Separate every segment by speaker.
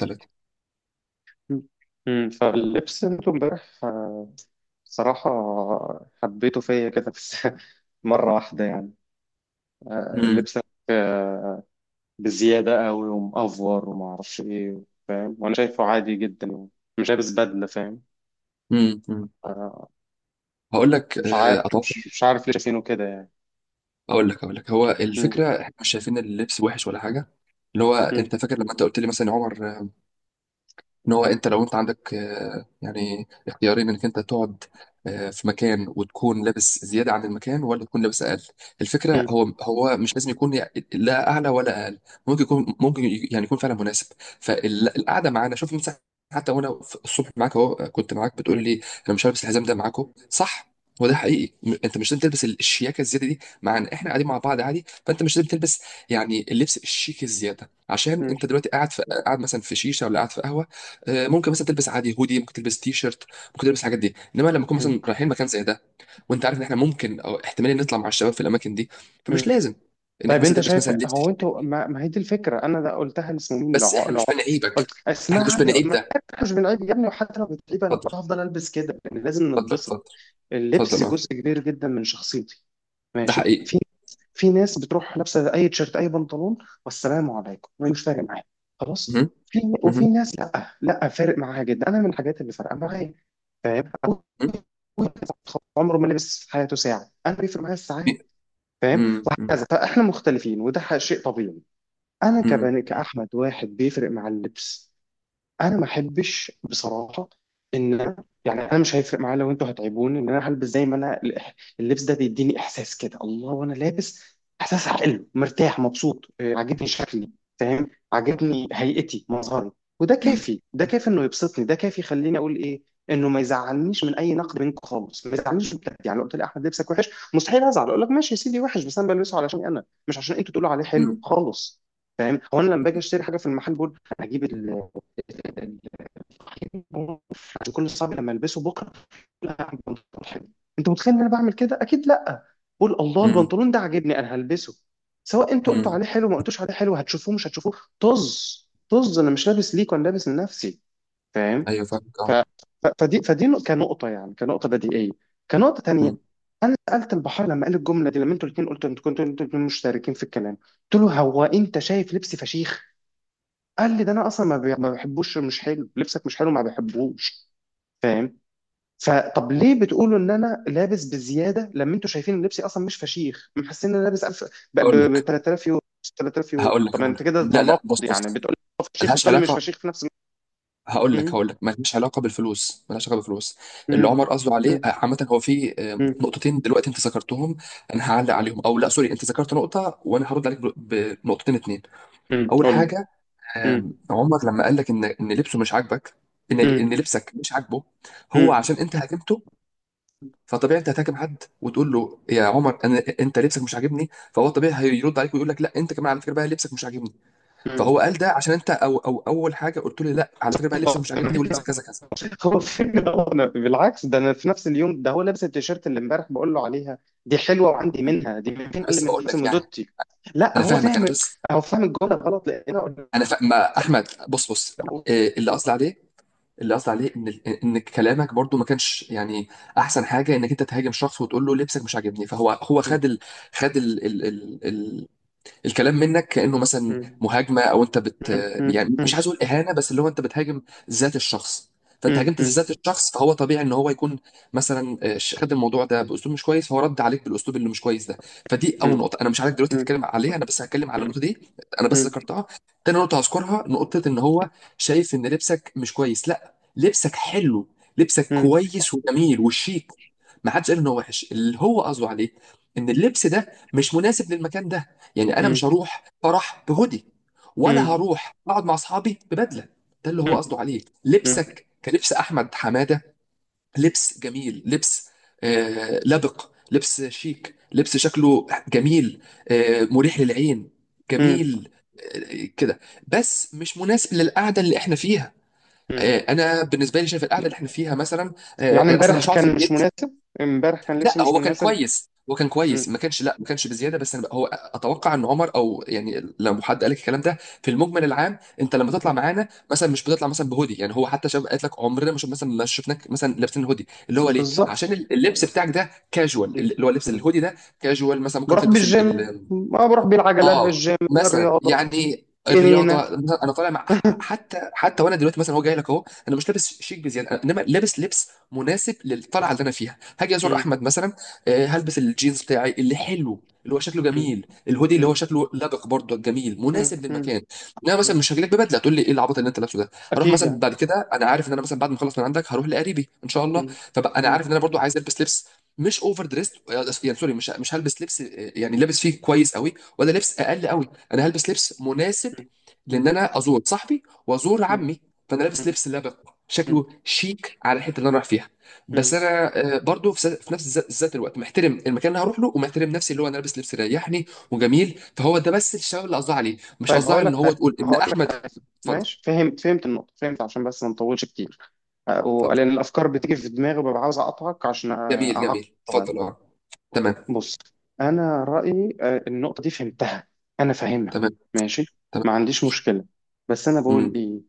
Speaker 1: ثلاثة.
Speaker 2: مم. فاللبس انتوا امبارح بصراحة حبيته فيا كده بس مرة واحدة يعني آه،
Speaker 1: امم
Speaker 2: لبسك آه، بزيادة قوي ومأفور وما أعرفش إيه فاهم وأنا شايفه عادي جدا يعني مش لابس بدلة فاهم
Speaker 1: أمم.
Speaker 2: آه،
Speaker 1: هقول لك،
Speaker 2: مش عارف
Speaker 1: اتوقع.
Speaker 2: مش عارف ليه شايفينه كده يعني
Speaker 1: اقول لك هو
Speaker 2: مم.
Speaker 1: الفكره احنا مش شايفين اللبس وحش ولا حاجه. اللي هو انت
Speaker 2: مم.
Speaker 1: فاكر لما انت قلت لي مثلا يا عمر ان هو انت لو انت عندك يعني اختيارين انك انت تقعد في مكان وتكون لابس زياده عن المكان ولا تكون لابس اقل. الفكره
Speaker 2: مم.
Speaker 1: هو هو مش لازم يكون لا اعلى ولا اقل. ممكن يكون، ممكن يعني يكون فعلا مناسب فالقعده معانا. شوف مثلا، حتى وانا في الصبح معاك اهو كنت معاك بتقول لي انا مش هلبس الحزام ده معاكم، صح؟ هو ده حقيقي، انت مش لازم تلبس الشياكه الزياده دي معانا، احنا قاعدين مع بعض عادي. فانت مش لازم تلبس يعني اللبس الشيك الزياده عشان
Speaker 2: مم.
Speaker 1: انت دلوقتي قاعد، في قاعد مثلا في شيشه ولا قاعد في قهوه. ممكن مثلا تلبس عادي هودي، ممكن تلبس تي شيرت، ممكن تلبس الحاجات دي. انما لما نكون
Speaker 2: مم.
Speaker 1: مثلا رايحين مكان زي ده، وانت عارف ان احنا ممكن او احتمال نطلع مع الشباب في الاماكن دي، فمش
Speaker 2: مم.
Speaker 1: لازم انك
Speaker 2: طيب
Speaker 1: مثلا
Speaker 2: انت
Speaker 1: تلبس
Speaker 2: شايف
Speaker 1: مثلا لبس
Speaker 2: هو
Speaker 1: شيك.
Speaker 2: انتوا ما هي دي الفكره انا ده قلتها لسنين
Speaker 1: بس احنا مش
Speaker 2: قلت
Speaker 1: بنعيبك، احنا مش
Speaker 2: اسمعني
Speaker 1: بنعيب
Speaker 2: ما
Speaker 1: ده.
Speaker 2: احنا مش بنعيب يا ابني، وحتى لو بتعيب انا
Speaker 1: اتفضل،
Speaker 2: برضه هفضل البس كده لان لازم
Speaker 1: اتفضل،
Speaker 2: نتبسط.
Speaker 1: اتفضل،
Speaker 2: اللبس
Speaker 1: اتفضل اه.
Speaker 2: جزء كبير جدا من شخصيتي،
Speaker 1: ده
Speaker 2: ماشي،
Speaker 1: حقيقي.
Speaker 2: في ناس بتروح لابسه اي تيشيرت اي بنطلون والسلام عليكم مش فارق معايا، خلاص،
Speaker 1: مهم.
Speaker 2: في وفي
Speaker 1: مهم.
Speaker 2: ناس لا لا فارق معاها جدا، انا من الحاجات اللي فارقه معايا. فاهم؟ أبوك
Speaker 1: مهم.
Speaker 2: عمره ما لبس في حياته ساعه، انا بيفرق معايا الساعات،
Speaker 1: بي-
Speaker 2: فاهم؟
Speaker 1: مم. مم.
Speaker 2: وهكذا، فاحنا مختلفين وده شيء طبيعي. انا
Speaker 1: مم.
Speaker 2: كبني كاحمد واحد بيفرق مع اللبس، انا ما احبش بصراحه ان أنا يعني انا مش هيفرق معايا لو انتوا هتعيبوني ان انا هلبس زي ما انا. اللبس ده بيديني احساس كده، الله وانا لابس احساس حلو، مرتاح، مبسوط، عاجبني شكلي، فاهم، عاجبني هيئتي، مظهري. وده
Speaker 1: مم.
Speaker 2: كافي، ده كافي انه يبسطني، ده كافي يخليني اقول ايه انه ما يزعلنيش من اي نقد منكم خالص، ما يزعلنيش بجد يعني. لو قلت لي احمد لبسك وحش مستحيل ازعل، اقول لك ماشي يا سيدي وحش، بس انا بلبسه علشان انا، مش عشان انتوا تقولوا عليه حلو
Speaker 1: مم.
Speaker 2: خالص. فاهم؟ هو انا لما باجي اشتري حاجه في المحل بقول انا هجيب عشان كل اصحابي لما البسه بكره؟ لا، هعمل بنطلون حلو. انت متخيل ان انا بعمل كده؟ اكيد لا. بقول الله
Speaker 1: مم.
Speaker 2: البنطلون ده عاجبني، انا هلبسه سواء انتوا قلتوا
Speaker 1: مم.
Speaker 2: عليه حلو ما قلتوش عليه حلو، هتشوفوه مش هتشوفوه، طز طز، انا مش لابس ليك، وانا لابس لنفسي، فاهم؟
Speaker 1: ايوه فاهمك
Speaker 2: ف...
Speaker 1: اه.
Speaker 2: ف... فدي فدي نق- كنقطه يعني، كنقطه بديهيه، كنقطه
Speaker 1: مم.
Speaker 2: تانية. انا سالت البحار لما قال الجمله دي، لما انتوا الاثنين قلتوا، انتوا كنتوا انتوا الاثنين مشتركين في الكلام، قلت له هو انت شايف لبسي فشيخ؟ قال لي ده انا اصلا ما بحبوش، مش حلو لبسك، مش حلو ما بحبوش، فاهم؟ فطب ليه بتقولوا ان انا لابس بزياده لما انتوا شايفين ان لبسي اصلا مش فشيخ؟ محسين ان انا لابس 1000،
Speaker 1: هقول
Speaker 2: ب
Speaker 1: لك
Speaker 2: 3000 يورو، 3000 يورو،
Speaker 1: هقول لك
Speaker 2: طب
Speaker 1: هقول
Speaker 2: انت
Speaker 1: لك،
Speaker 2: كده
Speaker 1: لا لا، بص
Speaker 2: تناقض يعني،
Speaker 1: بص.
Speaker 2: بتقول لي فشيخ
Speaker 1: ملهاش
Speaker 2: وبتقول لي مش
Speaker 1: علاقه.
Speaker 2: فشيخ في نفس الوقت.
Speaker 1: هقول لك
Speaker 2: امم.
Speaker 1: هقول لك مالهاش علاقه بالفلوس، مالهاش علاقه بالفلوس. اللي
Speaker 2: امم.
Speaker 1: عمر قصده عليه، عامه، هو في
Speaker 2: امم.
Speaker 1: نقطتين دلوقتي انت ذكرتهم. انا هعلق عليهم او لا. سوري انت ذكرت نقطه وانا هرد عليك بنقطتين اتنين.
Speaker 2: امم،
Speaker 1: اول
Speaker 2: قول.
Speaker 1: حاجه،
Speaker 2: امم.
Speaker 1: عمر لما قال لك ان ان لبسه مش عاجبك، ان
Speaker 2: امم.
Speaker 1: ان لبسك مش عاجبه، هو
Speaker 2: امم.
Speaker 1: عشان انت هاجمته. فطبيعي انت هتهاجم حد وتقول له يا عمر انا انت لبسك مش عاجبني، فهو طبيعي هيرد عليك ويقول لك لا انت كمان على فكره بقى لبسك مش عاجبني.
Speaker 2: امم.
Speaker 1: فهو قال ده عشان انت، او او اول حاجه قلت له لا على فكره بقى لبسك مش عاجبني ولبسك كذا كذا.
Speaker 2: هو فين ده؟ هو بالعكس، ده انا في نفس اليوم ده هو لابس التيشيرت اللي امبارح بقول له عليها دي حلوه وعندي منها، دي من فين؟ قال لي
Speaker 1: بس
Speaker 2: من
Speaker 1: بقول
Speaker 2: نفس
Speaker 1: لك يعني،
Speaker 2: مدوتي. لا
Speaker 1: انا
Speaker 2: هو
Speaker 1: فاهمك. انا
Speaker 2: فاهم،
Speaker 1: بس،
Speaker 2: هو فاهم الجمله غلط لان أنا
Speaker 1: ما احمد، بص بص. إيه اللي قصدي عليه ان، ان كلامك برضو ما كانش يعني احسن حاجه انك انت تهاجم شخص وتقول له لبسك مش عاجبني. فهو هو خد ال... خد ال... ال... ال... الكلام منك كأنه مثلا مهاجمة، او انت يعني مش عايز اقول اهانة، بس اللي هو انت بتهاجم ذات الشخص. فانت هاجمت ذات الشخص، فهو طبيعي ان هو يكون مثلا، خد الموضوع ده باسلوب مش كويس، فهو رد عليك بالاسلوب اللي مش كويس ده. فدي اول نقطة. انا مش عارف دلوقتي تتكلم عليها، انا بس هتكلم على النقطة دي، انا بس ذكرتها. تاني نقطة هذكرها، نقطة ان هو شايف ان لبسك مش كويس. لا، لبسك حلو، لبسك كويس وجميل وشيك. ما حدش قال ان هو وحش. اللي هو قصده عليه ان اللبس ده مش مناسب للمكان ده. يعني انا مش هروح فرح بهودي، ولا هروح اقعد مع اصحابي ببدله. ده اللي هو قصده عليه. لبسك كلبس احمد حماده، لبس جميل، لبس لبق، لبس شيك، لبس شكله جميل، مريح للعين، جميل، كده. بس مش مناسب للقعده اللي احنا فيها. انا بالنسبه لي شايف القعده اللي احنا فيها مثلا
Speaker 2: يعني
Speaker 1: اصلا
Speaker 2: امبارح
Speaker 1: مش هقعد في
Speaker 2: كان مش
Speaker 1: البيت.
Speaker 2: مناسب، امبارح كان
Speaker 1: لا
Speaker 2: لبسي مش
Speaker 1: هو كان
Speaker 2: مناسب.
Speaker 1: كويس، هو كان كويس،
Speaker 2: مم.
Speaker 1: ما كانش، لا ما كانش بزياده. بس أنا هو اتوقع ان عمر، او يعني لو حد قال لك الكلام ده، في المجمل العام انت لما تطلع
Speaker 2: مم.
Speaker 1: معانا مثلا مش بتطلع مثلا بهودي. يعني هو حتى شباب قالت لك عمرنا ما شف- مثلا ما شفناك مثلا لابسين هودي. اللي هو ليه؟ عشان
Speaker 2: بالظبط.
Speaker 1: اللبس
Speaker 2: مم.
Speaker 1: بتاعك ده كاجوال. اللي هو لبس
Speaker 2: مم.
Speaker 1: الهودي ده كاجوال، مثلا ممكن
Speaker 2: بروح
Speaker 1: تلبس.
Speaker 2: بالجيم، ما بروح بالعجلة،
Speaker 1: اه،
Speaker 2: الجيم
Speaker 1: مثلا
Speaker 2: الرياضة،
Speaker 1: يعني الرياضه.
Speaker 2: جنينة.
Speaker 1: انا طالع مع، حتى وانا دلوقتي مثلا هو جاي لك اهو، انا مش لابس شيك بزياده. انما لابس لبس مناسب للطلعه اللي انا فيها. هاجي ازور
Speaker 2: مم.
Speaker 1: احمد مثلا، هلبس الجينز بتاعي اللي حلو، اللي هو شكله
Speaker 2: مم.
Speaker 1: جميل، الهودي اللي
Speaker 2: مم.
Speaker 1: هو شكله لبق برضه جميل،
Speaker 2: مم.
Speaker 1: مناسب
Speaker 2: مم.
Speaker 1: للمكان. انا
Speaker 2: مم.
Speaker 1: مثلا مش هاجي لك ببدله تقول لي ايه العبط اللي انت لابسه ده. هروح
Speaker 2: أكيد
Speaker 1: مثلا
Speaker 2: يعني.
Speaker 1: بعد كده، انا عارف ان انا مثلا بعد ما اخلص من عندك هروح لقريبي ان شاء الله.
Speaker 2: مم.
Speaker 1: فبقى انا عارف
Speaker 2: مم.
Speaker 1: ان انا برضه عايز البس لبس مش اوفر دريست. يعني سوري، مش مش هلبس لبس يعني لابس فيه كويس قوي، ولا لبس اقل قوي. انا هلبس لبس مناسب لان
Speaker 2: مم.
Speaker 1: انا ازور صاحبي وازور
Speaker 2: مم.
Speaker 1: عمي. فانا لابس لبس لبق،
Speaker 2: مم.
Speaker 1: شكله شيك على الحته اللي انا رايح فيها.
Speaker 2: مم.
Speaker 1: بس انا برضو في نفس ذات الوقت محترم المكان اللي هروح له، ومحترم نفسي اللي هو انا لابس لبس يريحني وجميل. فهو ده بس الشباب اللي قصدها عليه، مش
Speaker 2: طيب
Speaker 1: قصدها
Speaker 2: هقول
Speaker 1: ان
Speaker 2: لك
Speaker 1: هو
Speaker 2: حاجه،
Speaker 1: تقول
Speaker 2: ما
Speaker 1: ان
Speaker 2: هقول لك
Speaker 1: احمد.
Speaker 2: حاجه.
Speaker 1: اتفضل
Speaker 2: ماشي، فهمت، فهمت النقطه، فهمت. عشان بس ما نطولش كتير، أه،
Speaker 1: اتفضل.
Speaker 2: ولان الافكار بتيجي في دماغي وببقى عاوز اقطعك عشان
Speaker 1: جميل
Speaker 2: اعقد،
Speaker 1: جميل
Speaker 2: طيب
Speaker 1: اتفضل اه. تمام
Speaker 2: بص، انا رايي أه، النقطه دي فهمتها، انا فاهمها،
Speaker 1: تمام
Speaker 2: ماشي،
Speaker 1: تمام.
Speaker 2: ما عنديش مشكله. بس انا بقول
Speaker 1: امم
Speaker 2: ايه،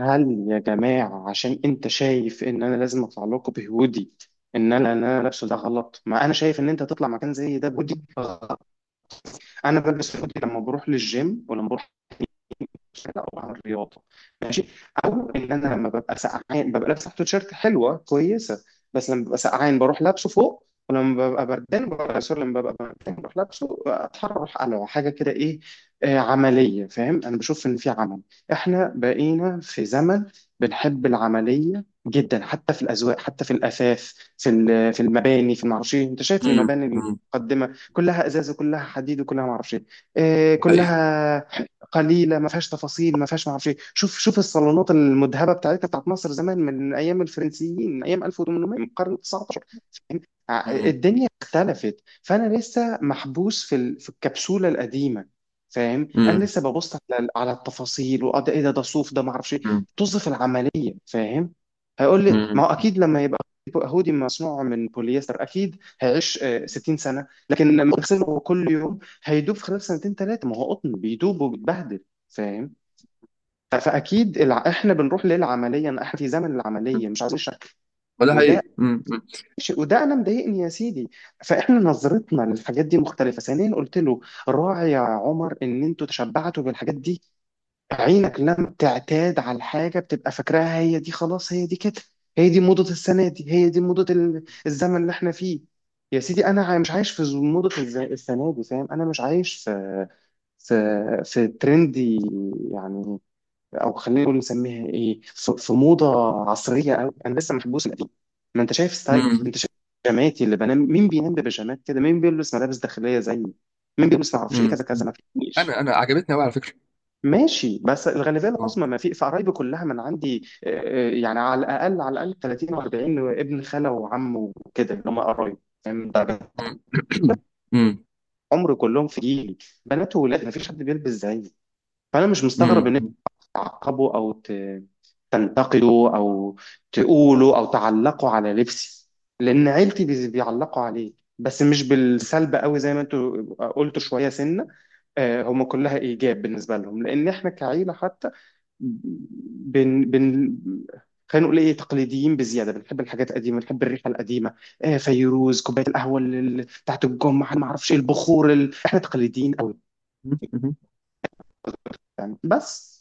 Speaker 2: هل يا جماعه عشان انت شايف ان انا لازم اطلع لكم بهودي ان انا ان انا لابسه ده غلط؟ ما انا شايف ان انت تطلع مكان زي ده بهودي. انا بلبس هودي لما بروح للجيم، ولما بروح او بعمل رياضه، او ان انا لما ببقى سقعان ببقى لابس تحته تيشيرت حلوه كويسه، بس لما ببقى سقعان بروح لابسه فوق، ولما ببقى بردان ببقى، سوري لما ببقى بردان بروح لابسه اتحرر على حاجه كده، ايه عمليه، فاهم؟ انا بشوف ان في عمل، احنا بقينا في زمن بنحب العمليه جدا، حتى في الاذواق، حتى في الاثاث، في المباني في المعرفش إيه. انت شايف
Speaker 1: امم
Speaker 2: المباني
Speaker 1: امم.
Speaker 2: المتقدمه كلها ازاز وكلها حديد وكلها معرفش ايه،
Speaker 1: ده حقيقي.
Speaker 2: كلها قليله ما فيهاش تفاصيل ما فيهاش ما اعرفش إيه. شوف شوف الصالونات المذهبه بتاعتنا بتاعت مصر زمان، من ايام الفرنسيين، من ايام 1800، من القرن ال 19، فاهم؟
Speaker 1: امم
Speaker 2: الدنيا اختلفت. فانا لسه محبوس في الكبسوله القديمه، فاهم؟ انا
Speaker 1: امم
Speaker 2: لسه ببص على على التفاصيل، واه ده ايه، ده ده صوف، ده ما اعرفش ايه، طز في العمليه، فاهم. هيقول لي ما
Speaker 1: امم.
Speaker 2: هو اكيد لما يبقى هودي مصنوع من بوليستر اكيد هيعيش 60 سنه، لكن لما اغسله كل يوم هيدوب في خلال سنتين ثلاثة، ما هو قطن بيدوب وبيتبهدل، فاهم؟ فأكيد احنا بنروح للعملية، إن احنا في زمن العملية، مش عايزين شك،
Speaker 1: ولا
Speaker 2: وده
Speaker 1: حقيقي.
Speaker 2: شيء، وده انا مضايقني يا سيدي. فاحنا نظرتنا للحاجات دي مختلفة. ثانيا قلت له راعي يا عمر ان انتوا تشبعتوا بالحاجات دي، عينك لما تعتاد على الحاجة بتبقى فاكراها هي دي، خلاص هي دي كده، هي دي موضة السنة دي، هي دي موضة الزمن اللي احنا فيه. يا سيدي انا مش عايش موضة السنة دي، فاهم؟ انا مش عايش في في في ترند يعني، او خلينا نقول نسميها ايه، في في موضه عصريه قوي، انا لسه محبوس القديم. ما انت شايف ستايل،
Speaker 1: امم
Speaker 2: انت شايف بيجاماتي اللي بنام، مين بينام ببيجامات كده؟ مين بيلبس ملابس داخليه زيي؟ مين بيلبس ما اعرفش ايه،
Speaker 1: امم.
Speaker 2: كذا كذا، ما فيش.
Speaker 1: انا عجبتني قوي على فكره
Speaker 2: ماشي، بس الغالبيه
Speaker 1: اه.
Speaker 2: العظمى، ما في في قرايبي كلها من عندي يعني على الاقل، على الاقل 30 و40، ابن خاله وعم وكده اللي هم قرايب، فاهم؟ ده
Speaker 1: امم امم
Speaker 2: عمري كلهم في جيلي، بنات وولاد ما فيش حد بيلبس زيي. فانا مش مستغرب
Speaker 1: امم
Speaker 2: ان تعقبه تنتقده، او تقوله او تعلقه على لبسي، لان عيلتي بيعلقوا عليه، بس مش بالسلب قوي زي ما انتوا قلتوا شويه سنه، آه، هم كلها ايجاب بالنسبه لهم، لان احنا كعيله حتى، بن بن خلينا نقول ايه، تقليديين بزياده، بنحب الحاجات القديمه، بنحب الريحه القديمه، فيروز، كوبايه القهوه بتاعت الجمعه، ما اعرفش ايه، البخور احنا تقليديين قوي يعني، بس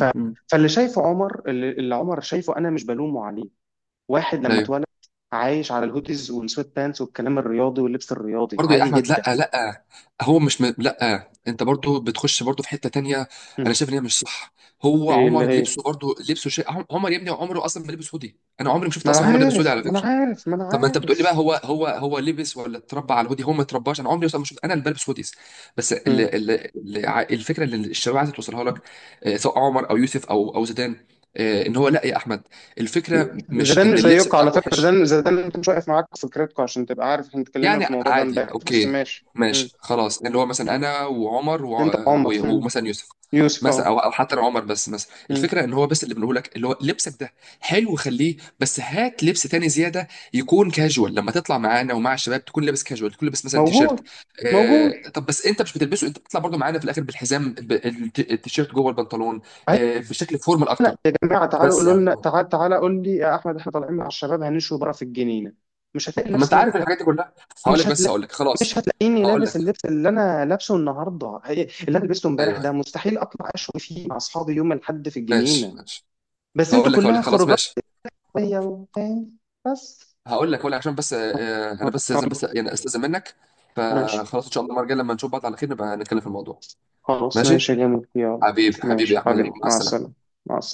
Speaker 2: ف...
Speaker 1: امم.
Speaker 2: فاللي شايفه عمر، اللي اللي عمر شايفه، انا مش بلومه عليه، واحد لما
Speaker 1: ايوه.
Speaker 2: اتولد عايش على الهوديز والسويت بانس والكلام الرياضي واللبس الرياضي
Speaker 1: برضه يا
Speaker 2: عادي
Speaker 1: احمد لا
Speaker 2: جدا.
Speaker 1: لا، هو مش لا، انت برضه بتخش برضه في حته تانية. انا
Speaker 2: مم.
Speaker 1: شايف ان هي مش صح. هو
Speaker 2: ايه اللي
Speaker 1: عمر
Speaker 2: هي؟
Speaker 1: لبسه برضه، لبسه شيء. عمر يا ابني عمره اصلا ما لبس هودي. انا عمري ما شفت
Speaker 2: ما انا
Speaker 1: اصلا عمر لابس هودي
Speaker 2: عارف،
Speaker 1: على
Speaker 2: ما انا
Speaker 1: فكره.
Speaker 2: عارف، ما انا
Speaker 1: طب ما انت بتقول لي
Speaker 2: عارف.
Speaker 1: بقى هو هو لبس ولا اتربى على الهودي؟ هو ما اترباش. انا عمري اصلا ما شفت انا اللي بلبس هوديز. بس ال
Speaker 2: مم.
Speaker 1: ال ال الفكره اللي الشباب عايزه توصلها لك، سواء عمر او يوسف او زيدان، ان هو لا يا احمد، الفكره مش
Speaker 2: زيدان
Speaker 1: ان
Speaker 2: مش
Speaker 1: اللبس
Speaker 2: زيكم على
Speaker 1: بتاعك
Speaker 2: فكره،
Speaker 1: وحش.
Speaker 2: زيدان، زيدان انت مش واقف معاكم في فكرتكم، عشان تبقى عارف احنا اتكلمنا
Speaker 1: يعني
Speaker 2: في الموضوع ده
Speaker 1: عادي
Speaker 2: امبارح، بس
Speaker 1: اوكي،
Speaker 2: ماشي. مم.
Speaker 1: ماشي خلاص. اللي هو مثلا
Speaker 2: مم.
Speaker 1: انا وعمر
Speaker 2: انت عمر. مم.
Speaker 1: ومثلا يوسف،
Speaker 2: يوسف
Speaker 1: مثلا
Speaker 2: اهو.
Speaker 1: او حتى لو عمر بس. مثلا
Speaker 2: مم.
Speaker 1: الفكره ان هو بس اللي بنقول لك، اللي هو لبسك ده حلو خليه، بس هات لبس تاني زياده يكون كاجوال. لما تطلع معانا ومع الشباب تكون لابس كاجوال، تكون لابس مثلا تيشيرت.
Speaker 2: موجود. موجود
Speaker 1: آه،
Speaker 2: أيوة.
Speaker 1: طب بس انت مش بتلبسه، انت بتطلع برضو معانا في الاخر بالحزام، التيشيرت جوه البنطلون. آه، في شكل فورمال اكتر.
Speaker 2: جماعه تعالوا
Speaker 1: بس
Speaker 2: قولوا
Speaker 1: يعني
Speaker 2: لنا، تعال، تعالى قول لي يا احمد احنا طالعين مع الشباب هنشوي بره في الجنينه، مش هتلاقي
Speaker 1: طب ما
Speaker 2: لبس،
Speaker 1: انت
Speaker 2: انا
Speaker 1: عارف
Speaker 2: كنت،
Speaker 1: الحاجات دي كلها. هقول
Speaker 2: مش
Speaker 1: لك، بس
Speaker 2: هتلاقي،
Speaker 1: هقول لك
Speaker 2: مش
Speaker 1: خلاص.
Speaker 2: هتلاقيني
Speaker 1: هقول
Speaker 2: لابس
Speaker 1: لك،
Speaker 2: اللبس اللي انا لابسه النهارده، اللي انا لبسته
Speaker 1: ايوه
Speaker 2: امبارح ده
Speaker 1: أيوة.
Speaker 2: مستحيل اطلع اشوي فيه مع اصحابي يوم الاحد في الجنينه،
Speaker 1: ماشي ماشي.
Speaker 2: بس انتوا
Speaker 1: هقول لك هقول
Speaker 2: كلها
Speaker 1: لك خلاص،
Speaker 2: خروجات
Speaker 1: ماشي.
Speaker 2: عادية، وفاهم بس.
Speaker 1: هقول لك عشان بس انا بس لازم
Speaker 2: حلو.
Speaker 1: بس يعني استاذن منك.
Speaker 2: ماشي
Speaker 1: فخلاص ان شاء الله المره الجايه لما نشوف بعض على خير نبقى نتكلم في الموضوع.
Speaker 2: خلاص،
Speaker 1: ماشي.
Speaker 2: ماشي يا جميل، يلا.
Speaker 1: حبيبي حبيبي يا
Speaker 2: ماشي
Speaker 1: احمد، يلا
Speaker 2: حبيبي،
Speaker 1: مع
Speaker 2: مع السلامه،
Speaker 1: السلامه.
Speaker 2: مع السلامه.